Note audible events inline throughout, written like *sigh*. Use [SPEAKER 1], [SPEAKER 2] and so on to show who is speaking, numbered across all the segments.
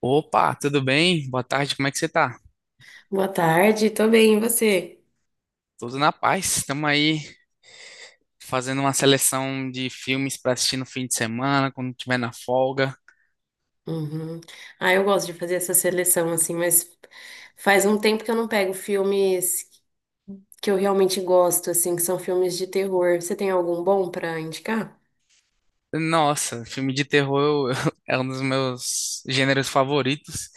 [SPEAKER 1] Opa, tudo bem? Boa tarde, como é que você tá?
[SPEAKER 2] Boa tarde, tô bem, e você?
[SPEAKER 1] Tudo na paz. Estamos aí fazendo uma seleção de filmes para assistir no fim de semana, quando tiver na folga.
[SPEAKER 2] Uhum. Ah, eu gosto de fazer essa seleção, assim, mas faz um tempo que eu não pego filmes que eu realmente gosto, assim, que são filmes de terror. Você tem algum bom pra indicar?
[SPEAKER 1] Nossa, filme de terror *laughs* é um dos meus gêneros favoritos.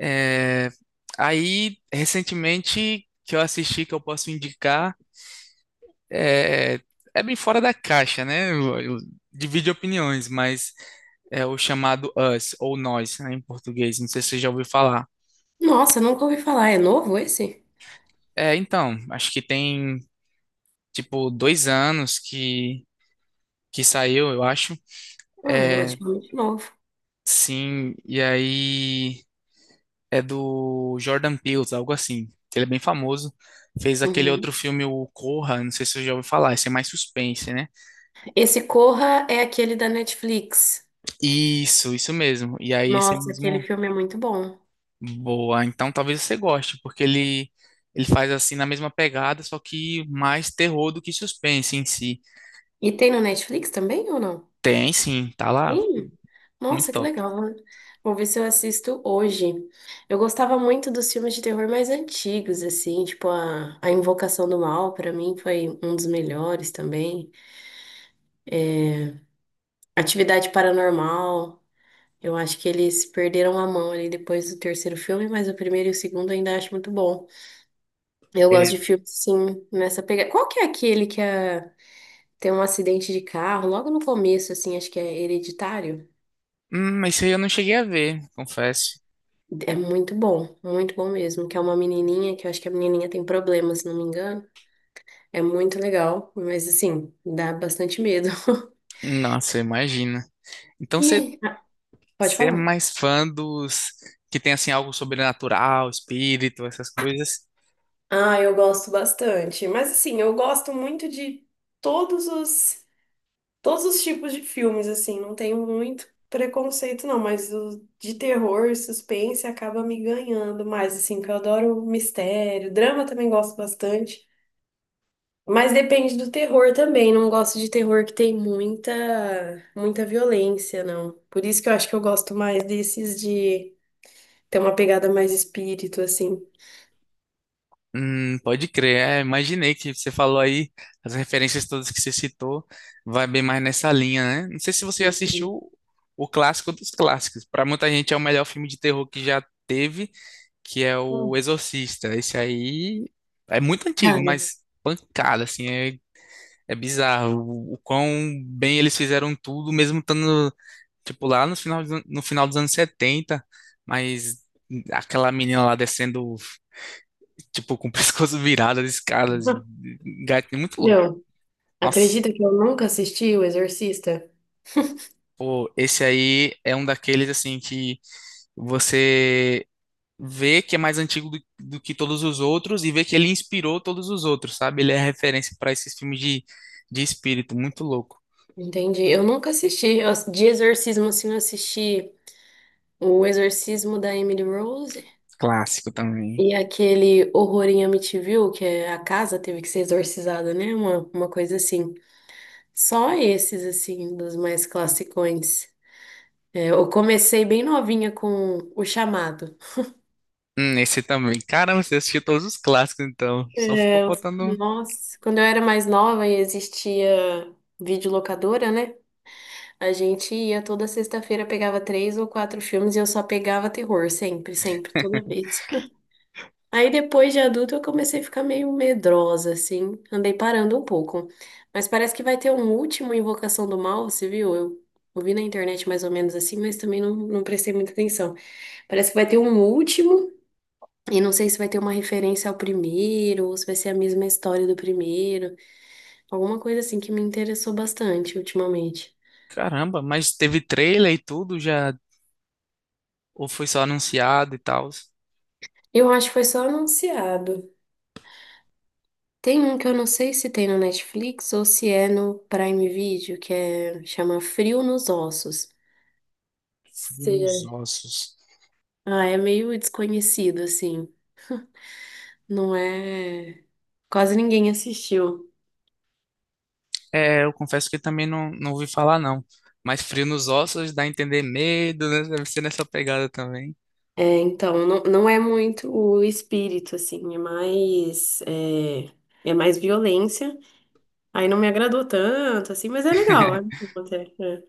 [SPEAKER 1] É, Aí, recentemente, que eu assisti, que eu posso indicar, é, é bem fora da caixa, né? Divide opiniões, mas é o chamado Us, ou Nós, né, em português. Não sei se você já ouviu falar.
[SPEAKER 2] Nossa, nunca ouvi falar. É novo esse?
[SPEAKER 1] É, então, acho que tem, tipo, 2 anos que saiu, eu acho.
[SPEAKER 2] Ah, é
[SPEAKER 1] É,
[SPEAKER 2] relativamente novo.
[SPEAKER 1] sim, e aí é do Jordan Peele, algo assim. Ele é bem famoso. Fez aquele
[SPEAKER 2] Uhum.
[SPEAKER 1] outro filme, o Corra, não sei se você já ouviu falar, esse é mais suspense, né?
[SPEAKER 2] Esse Corra é aquele da Netflix.
[SPEAKER 1] Isso mesmo. E aí esse
[SPEAKER 2] Nossa, aquele
[SPEAKER 1] mesmo,
[SPEAKER 2] filme é muito bom.
[SPEAKER 1] boa, então talvez você goste, porque ele faz assim na mesma pegada, só que mais terror do que suspense em si.
[SPEAKER 2] E tem no Netflix também ou não?
[SPEAKER 1] Tem sim, tá lá,
[SPEAKER 2] Tem?
[SPEAKER 1] muito
[SPEAKER 2] Nossa, que
[SPEAKER 1] top.
[SPEAKER 2] legal, né? Vou ver se eu assisto hoje. Eu gostava muito dos filmes de terror mais antigos, assim, tipo a Invocação do Mal, pra mim foi um dos melhores também. Atividade Paranormal, eu acho que eles perderam a mão ali depois do terceiro filme, mas o primeiro e o segundo eu ainda acho muito bom. Eu gosto de filmes, assim, nessa pegada. Qual que é aquele tem um acidente de carro logo no começo, assim, acho que é Hereditário?
[SPEAKER 1] Isso aí eu não cheguei a ver, confesso.
[SPEAKER 2] É muito bom mesmo. Que é uma menininha, que eu acho que a menininha tem problema, se não me engano. É muito legal, mas assim, dá bastante medo. *laughs*
[SPEAKER 1] Nossa, imagina. Então
[SPEAKER 2] E
[SPEAKER 1] você,
[SPEAKER 2] aí? Ah, pode
[SPEAKER 1] você é
[SPEAKER 2] falar.
[SPEAKER 1] mais fã dos que tem assim algo sobrenatural, espírito, essas coisas?
[SPEAKER 2] Ah, eu gosto bastante. Mas assim, eu gosto muito de todos os todos os tipos de filmes, assim, não tenho muito preconceito não, mas o de terror, suspense acaba me ganhando mais, assim, que eu adoro mistério, drama também gosto bastante. Mas depende do terror também. Não gosto de terror que tem muita, muita violência, não. Por isso que eu acho que eu gosto mais desses de ter uma pegada mais espírito, assim.
[SPEAKER 1] Pode crer. É, imaginei que você falou aí as referências todas que você citou, vai bem mais nessa linha, né? Não sei se você já
[SPEAKER 2] Entendi.
[SPEAKER 1] assistiu o clássico dos clássicos. Para muita gente é o melhor filme de terror que já teve, que é o
[SPEAKER 2] Hum.
[SPEAKER 1] Exorcista. Esse aí é muito antigo,
[SPEAKER 2] Cara,
[SPEAKER 1] mas pancada assim, é É bizarro o quão bem eles fizeram tudo, mesmo estando, tipo, lá no final, no final dos anos 70. Mas aquela menina lá descendo, tipo, com o *laughs* pescoço virado de escadas, gatinho muito louco.
[SPEAKER 2] meu, *laughs*
[SPEAKER 1] Nossa,
[SPEAKER 2] acredita que eu nunca assisti O Exorcista?
[SPEAKER 1] pô, esse aí é um daqueles, assim, que você vê que é mais antigo do que todos os outros e vê que ele inspirou todos os outros, sabe? Ele é referência para esses filmes de espírito, muito louco.
[SPEAKER 2] Entendi. Eu nunca assisti. De exorcismo, assim, eu assisti O Exorcismo da Emily Rose
[SPEAKER 1] Clássico também.
[SPEAKER 2] e aquele Horror em Amityville, que é a casa teve que ser exorcizada, né? Uma coisa assim. Só esses, assim, dos mais classicões. É, eu comecei bem novinha com O Chamado.
[SPEAKER 1] Esse também. Caramba, você assistiu todos os clássicos, então. Só ficou
[SPEAKER 2] É,
[SPEAKER 1] faltando um.
[SPEAKER 2] nossa, quando eu era mais nova e existia videolocadora, né? A gente ia toda sexta-feira, pegava três ou quatro filmes e eu só pegava terror, sempre, sempre, toda vez. Aí depois de adulta eu comecei a ficar meio medrosa, assim, andei parando um pouco. Mas parece que vai ter um último Invocação do Mal, você viu? Eu ouvi na internet mais ou menos assim, mas também não prestei muita atenção. Parece que vai ter um último, e não sei se vai ter uma referência ao primeiro, ou se vai ser a mesma história do primeiro. Alguma coisa assim que me interessou bastante ultimamente.
[SPEAKER 1] Caramba, mas teve trailer e tudo já? Ou foi só anunciado e tal?
[SPEAKER 2] Eu acho que foi só anunciado. Tem um que eu não sei se tem no Netflix ou se é no Prime Video, que é, chama Frio nos Ossos.
[SPEAKER 1] Frio
[SPEAKER 2] Seja,
[SPEAKER 1] nos ossos.
[SPEAKER 2] ah, é meio desconhecido, assim. Não é. Quase ninguém assistiu.
[SPEAKER 1] É, eu confesso que também não, não ouvi falar, não. Mas frio nos ossos dá a entender medo, né? Deve ser nessa pegada também.
[SPEAKER 2] É, então, não, não é muito o espírito, assim, é mais violência. Aí não me agradou tanto, assim, mas é legal. É, bom
[SPEAKER 1] *laughs*
[SPEAKER 2] até, é.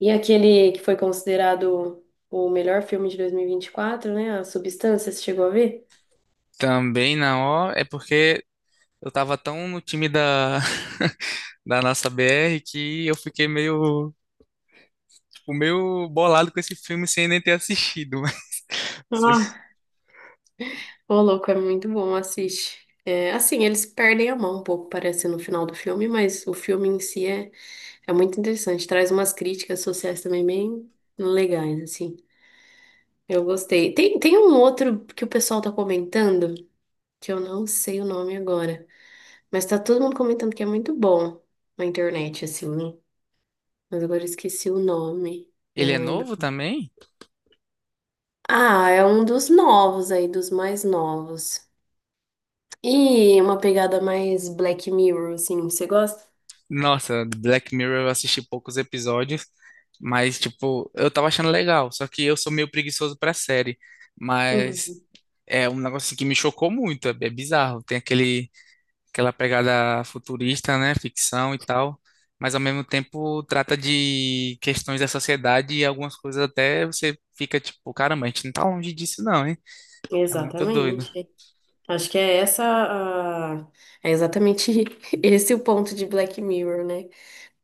[SPEAKER 2] E aquele que foi considerado o melhor filme de dois mil e vinte e quatro, né? A Substância, você chegou a ver?
[SPEAKER 1] Também não, ó. É porque eu tava tão no time da, *laughs* da nossa BR que eu fiquei meio, tipo, meio bolado com esse filme sem nem ter assistido. *laughs* Mas você
[SPEAKER 2] Ah, ô louco, é muito bom, assiste. É, assim, eles perdem a mão um pouco, parece, no final do filme, mas o filme em si é muito interessante. Traz umas críticas sociais também bem legais, assim. Eu gostei. Tem um outro que o pessoal tá comentando, que eu não sei o nome agora, mas tá todo mundo comentando que é muito bom na internet, assim, né? Mas agora eu esqueci o nome, já
[SPEAKER 1] Ele é
[SPEAKER 2] não lembro.
[SPEAKER 1] novo também?
[SPEAKER 2] Ah, é um dos novos aí, dos mais novos. E uma pegada mais Black Mirror, assim, você gosta?
[SPEAKER 1] Nossa, Black Mirror eu assisti poucos episódios, mas tipo, eu tava achando legal, só que eu sou meio preguiçoso pra série, mas
[SPEAKER 2] Uhum.
[SPEAKER 1] é um negócio assim que me chocou muito, é bizarro, tem aquele aquela pegada futurista, né, ficção e tal, mas ao mesmo tempo trata de questões da sociedade e algumas coisas até você fica tipo, caramba, a gente não tá longe disso não, hein? É muito doido.
[SPEAKER 2] Exatamente. Acho que é essa a... É exatamente *laughs* esse o ponto de Black Mirror, né?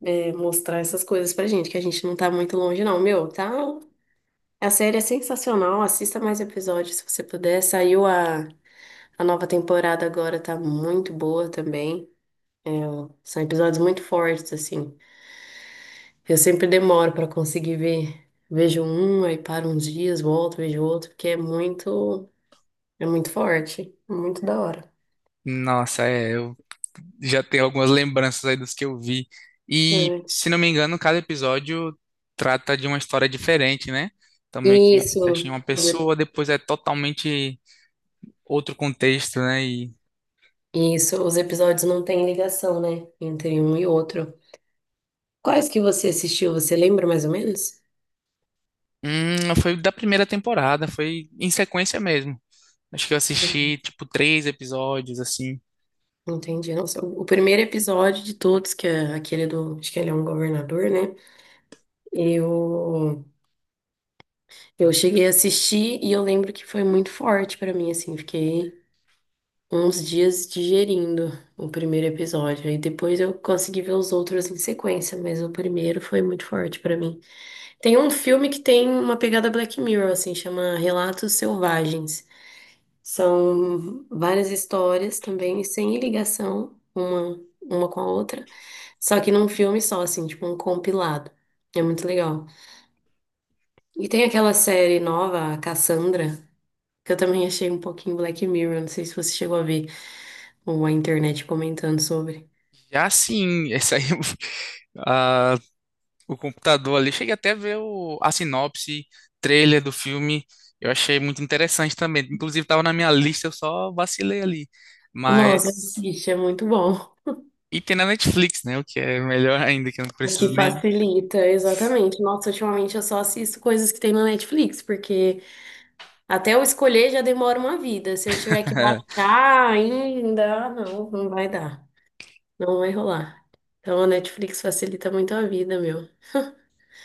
[SPEAKER 2] É, mostrar essas coisas pra gente, que a gente não tá muito longe, não. Meu, tá. A série é sensacional, assista mais episódios se você puder. Saiu a nova temporada agora, tá muito boa também. É, são episódios muito fortes, assim. Eu sempre demoro pra conseguir ver. Vejo um, aí paro uns dias, volto, vejo outro, porque é muito forte, é muito da hora.
[SPEAKER 1] Nossa, é, eu já tenho algumas lembranças aí dos que eu vi. E,
[SPEAKER 2] É.
[SPEAKER 1] se não me engano, cada episódio trata de uma história diferente, né? Então, meio que
[SPEAKER 2] Isso,
[SPEAKER 1] fecha em uma
[SPEAKER 2] os e-
[SPEAKER 1] pessoa, depois é totalmente outro contexto, né? E,
[SPEAKER 2] isso, os episódios não têm ligação, né, entre um e outro. Quais que você assistiu? Você lembra mais ou menos?
[SPEAKER 1] foi da primeira temporada, foi em sequência mesmo. Acho que eu
[SPEAKER 2] Não
[SPEAKER 1] assisti, tipo, 3 episódios, assim.
[SPEAKER 2] não entendi. Nossa, o primeiro episódio de todos, que é aquele do. Acho que ele é um governador, né? Eu, eu cheguei a assistir e eu lembro que foi muito forte pra mim, assim. Fiquei uns dias digerindo o primeiro episódio. E depois eu consegui ver os outros em sequência, mas o primeiro foi muito forte pra mim. Tem um filme que tem uma pegada Black Mirror, assim, chama Relatos Selvagens. São várias histórias também, sem ligação uma com a outra, só que num filme só, assim, tipo um compilado. É muito legal. E tem aquela série nova, a Cassandra, que eu também achei um pouquinho Black Mirror, não sei se você chegou a ver ou a internet comentando sobre.
[SPEAKER 1] Já sim, essa aí, *laughs* ah, o computador ali. Cheguei até a ver a sinopse, trailer do filme. Eu achei muito interessante também. Inclusive, estava na minha lista, eu só vacilei ali.
[SPEAKER 2] Nossa,
[SPEAKER 1] Mas.
[SPEAKER 2] assiste, é muito bom.
[SPEAKER 1] E tem na Netflix, né? O que é melhor ainda, que eu não
[SPEAKER 2] O que
[SPEAKER 1] preciso nem.
[SPEAKER 2] facilita, exatamente. Nossa, ultimamente eu só assisto coisas que tem na Netflix, porque até eu escolher já demora uma vida. Se eu tiver que
[SPEAKER 1] *laughs*
[SPEAKER 2] baixar ainda, ah, não, não vai dar. Não vai rolar. Então a Netflix facilita muito a vida, meu.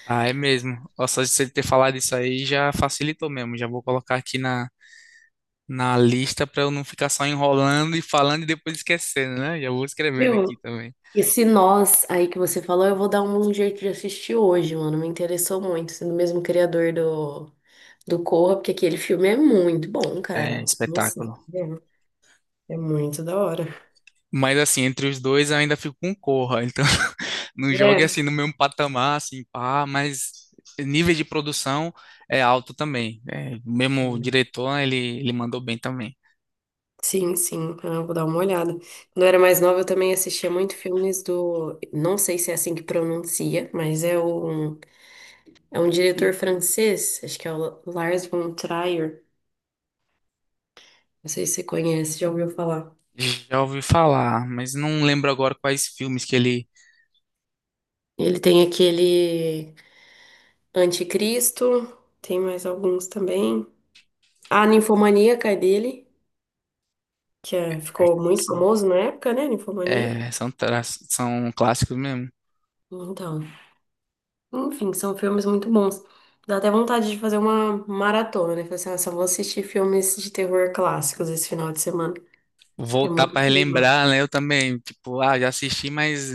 [SPEAKER 1] Ah, é mesmo. Ó, só de você ter falado isso aí já facilitou mesmo. Já vou colocar aqui na, na lista para eu não ficar só enrolando e falando e depois esquecendo, né? Já vou escrevendo aqui
[SPEAKER 2] Viu?
[SPEAKER 1] também.
[SPEAKER 2] Esse Nós aí que você falou, eu vou dar um jeito de assistir hoje, mano. Me interessou muito, sendo o mesmo criador do Corra, porque aquele filme é muito bom, cara.
[SPEAKER 1] É,
[SPEAKER 2] Nossa,
[SPEAKER 1] espetáculo.
[SPEAKER 2] é, é muito da hora.
[SPEAKER 1] Mas assim, entre os dois eu ainda fico com Corra. Então, *laughs* não jogue
[SPEAKER 2] É.
[SPEAKER 1] assim no mesmo patamar, assim, pá, mas nível de produção é alto também. É, o mesmo diretor, ele mandou bem também.
[SPEAKER 2] Sim, sim, eu vou dar uma olhada. Quando eu era mais nova, eu também assistia muito filmes do. Não sei se é assim que pronuncia, mas é um diretor francês, acho que é o Lars von Trier. Não sei se você conhece, já ouviu falar.
[SPEAKER 1] Já ouvi falar, mas não lembro agora quais filmes que ele.
[SPEAKER 2] Ele tem aquele Anticristo, tem mais alguns também. A Ninfomaníaca é dele,
[SPEAKER 1] É,
[SPEAKER 2] ficou muito
[SPEAKER 1] assim,
[SPEAKER 2] famoso na época, né? Ninfomaníaca.
[SPEAKER 1] são clássicos mesmo.
[SPEAKER 2] Então. Enfim, são filmes muito bons. Dá até vontade de fazer uma maratona, né? Falar assim, nossa, eu vou assistir filmes de terror clássicos esse final de semana, que é
[SPEAKER 1] Voltar
[SPEAKER 2] muito
[SPEAKER 1] para
[SPEAKER 2] legal.
[SPEAKER 1] relembrar, né? Eu também, tipo, ah, já assisti, mas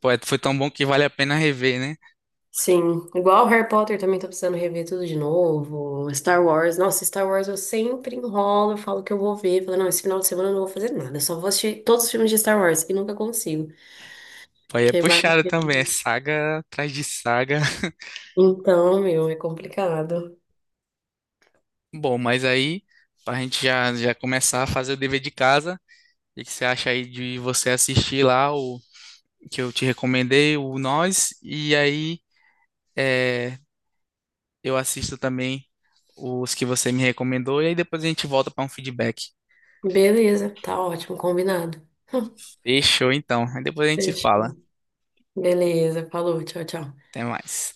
[SPEAKER 1] pô, foi tão bom que vale a pena rever, né?
[SPEAKER 2] Sim, igual Harry Potter também tô precisando rever tudo de novo. Star Wars, nossa, Star Wars eu sempre enrolo, eu falo que eu vou ver, falo, não, esse final de semana eu não vou fazer nada, eu só vou assistir todos os filmes de Star Wars e nunca consigo,
[SPEAKER 1] Pô, aí é
[SPEAKER 2] que vale a
[SPEAKER 1] puxado também, é
[SPEAKER 2] pena.
[SPEAKER 1] saga atrás de saga. *laughs*
[SPEAKER 2] Então, meu, é complicado.
[SPEAKER 1] Bom, mas aí, pra gente já começar a fazer o dever de casa, o que que você acha aí de você assistir lá o que eu te recomendei, o Nós, e aí é, eu assisto também os que você me recomendou, e aí depois a gente volta para um feedback.
[SPEAKER 2] Beleza, tá ótimo, combinado. *laughs*
[SPEAKER 1] Fechou então, aí depois a gente se fala.
[SPEAKER 2] Fechou. Beleza, falou, tchau, tchau.
[SPEAKER 1] Até mais.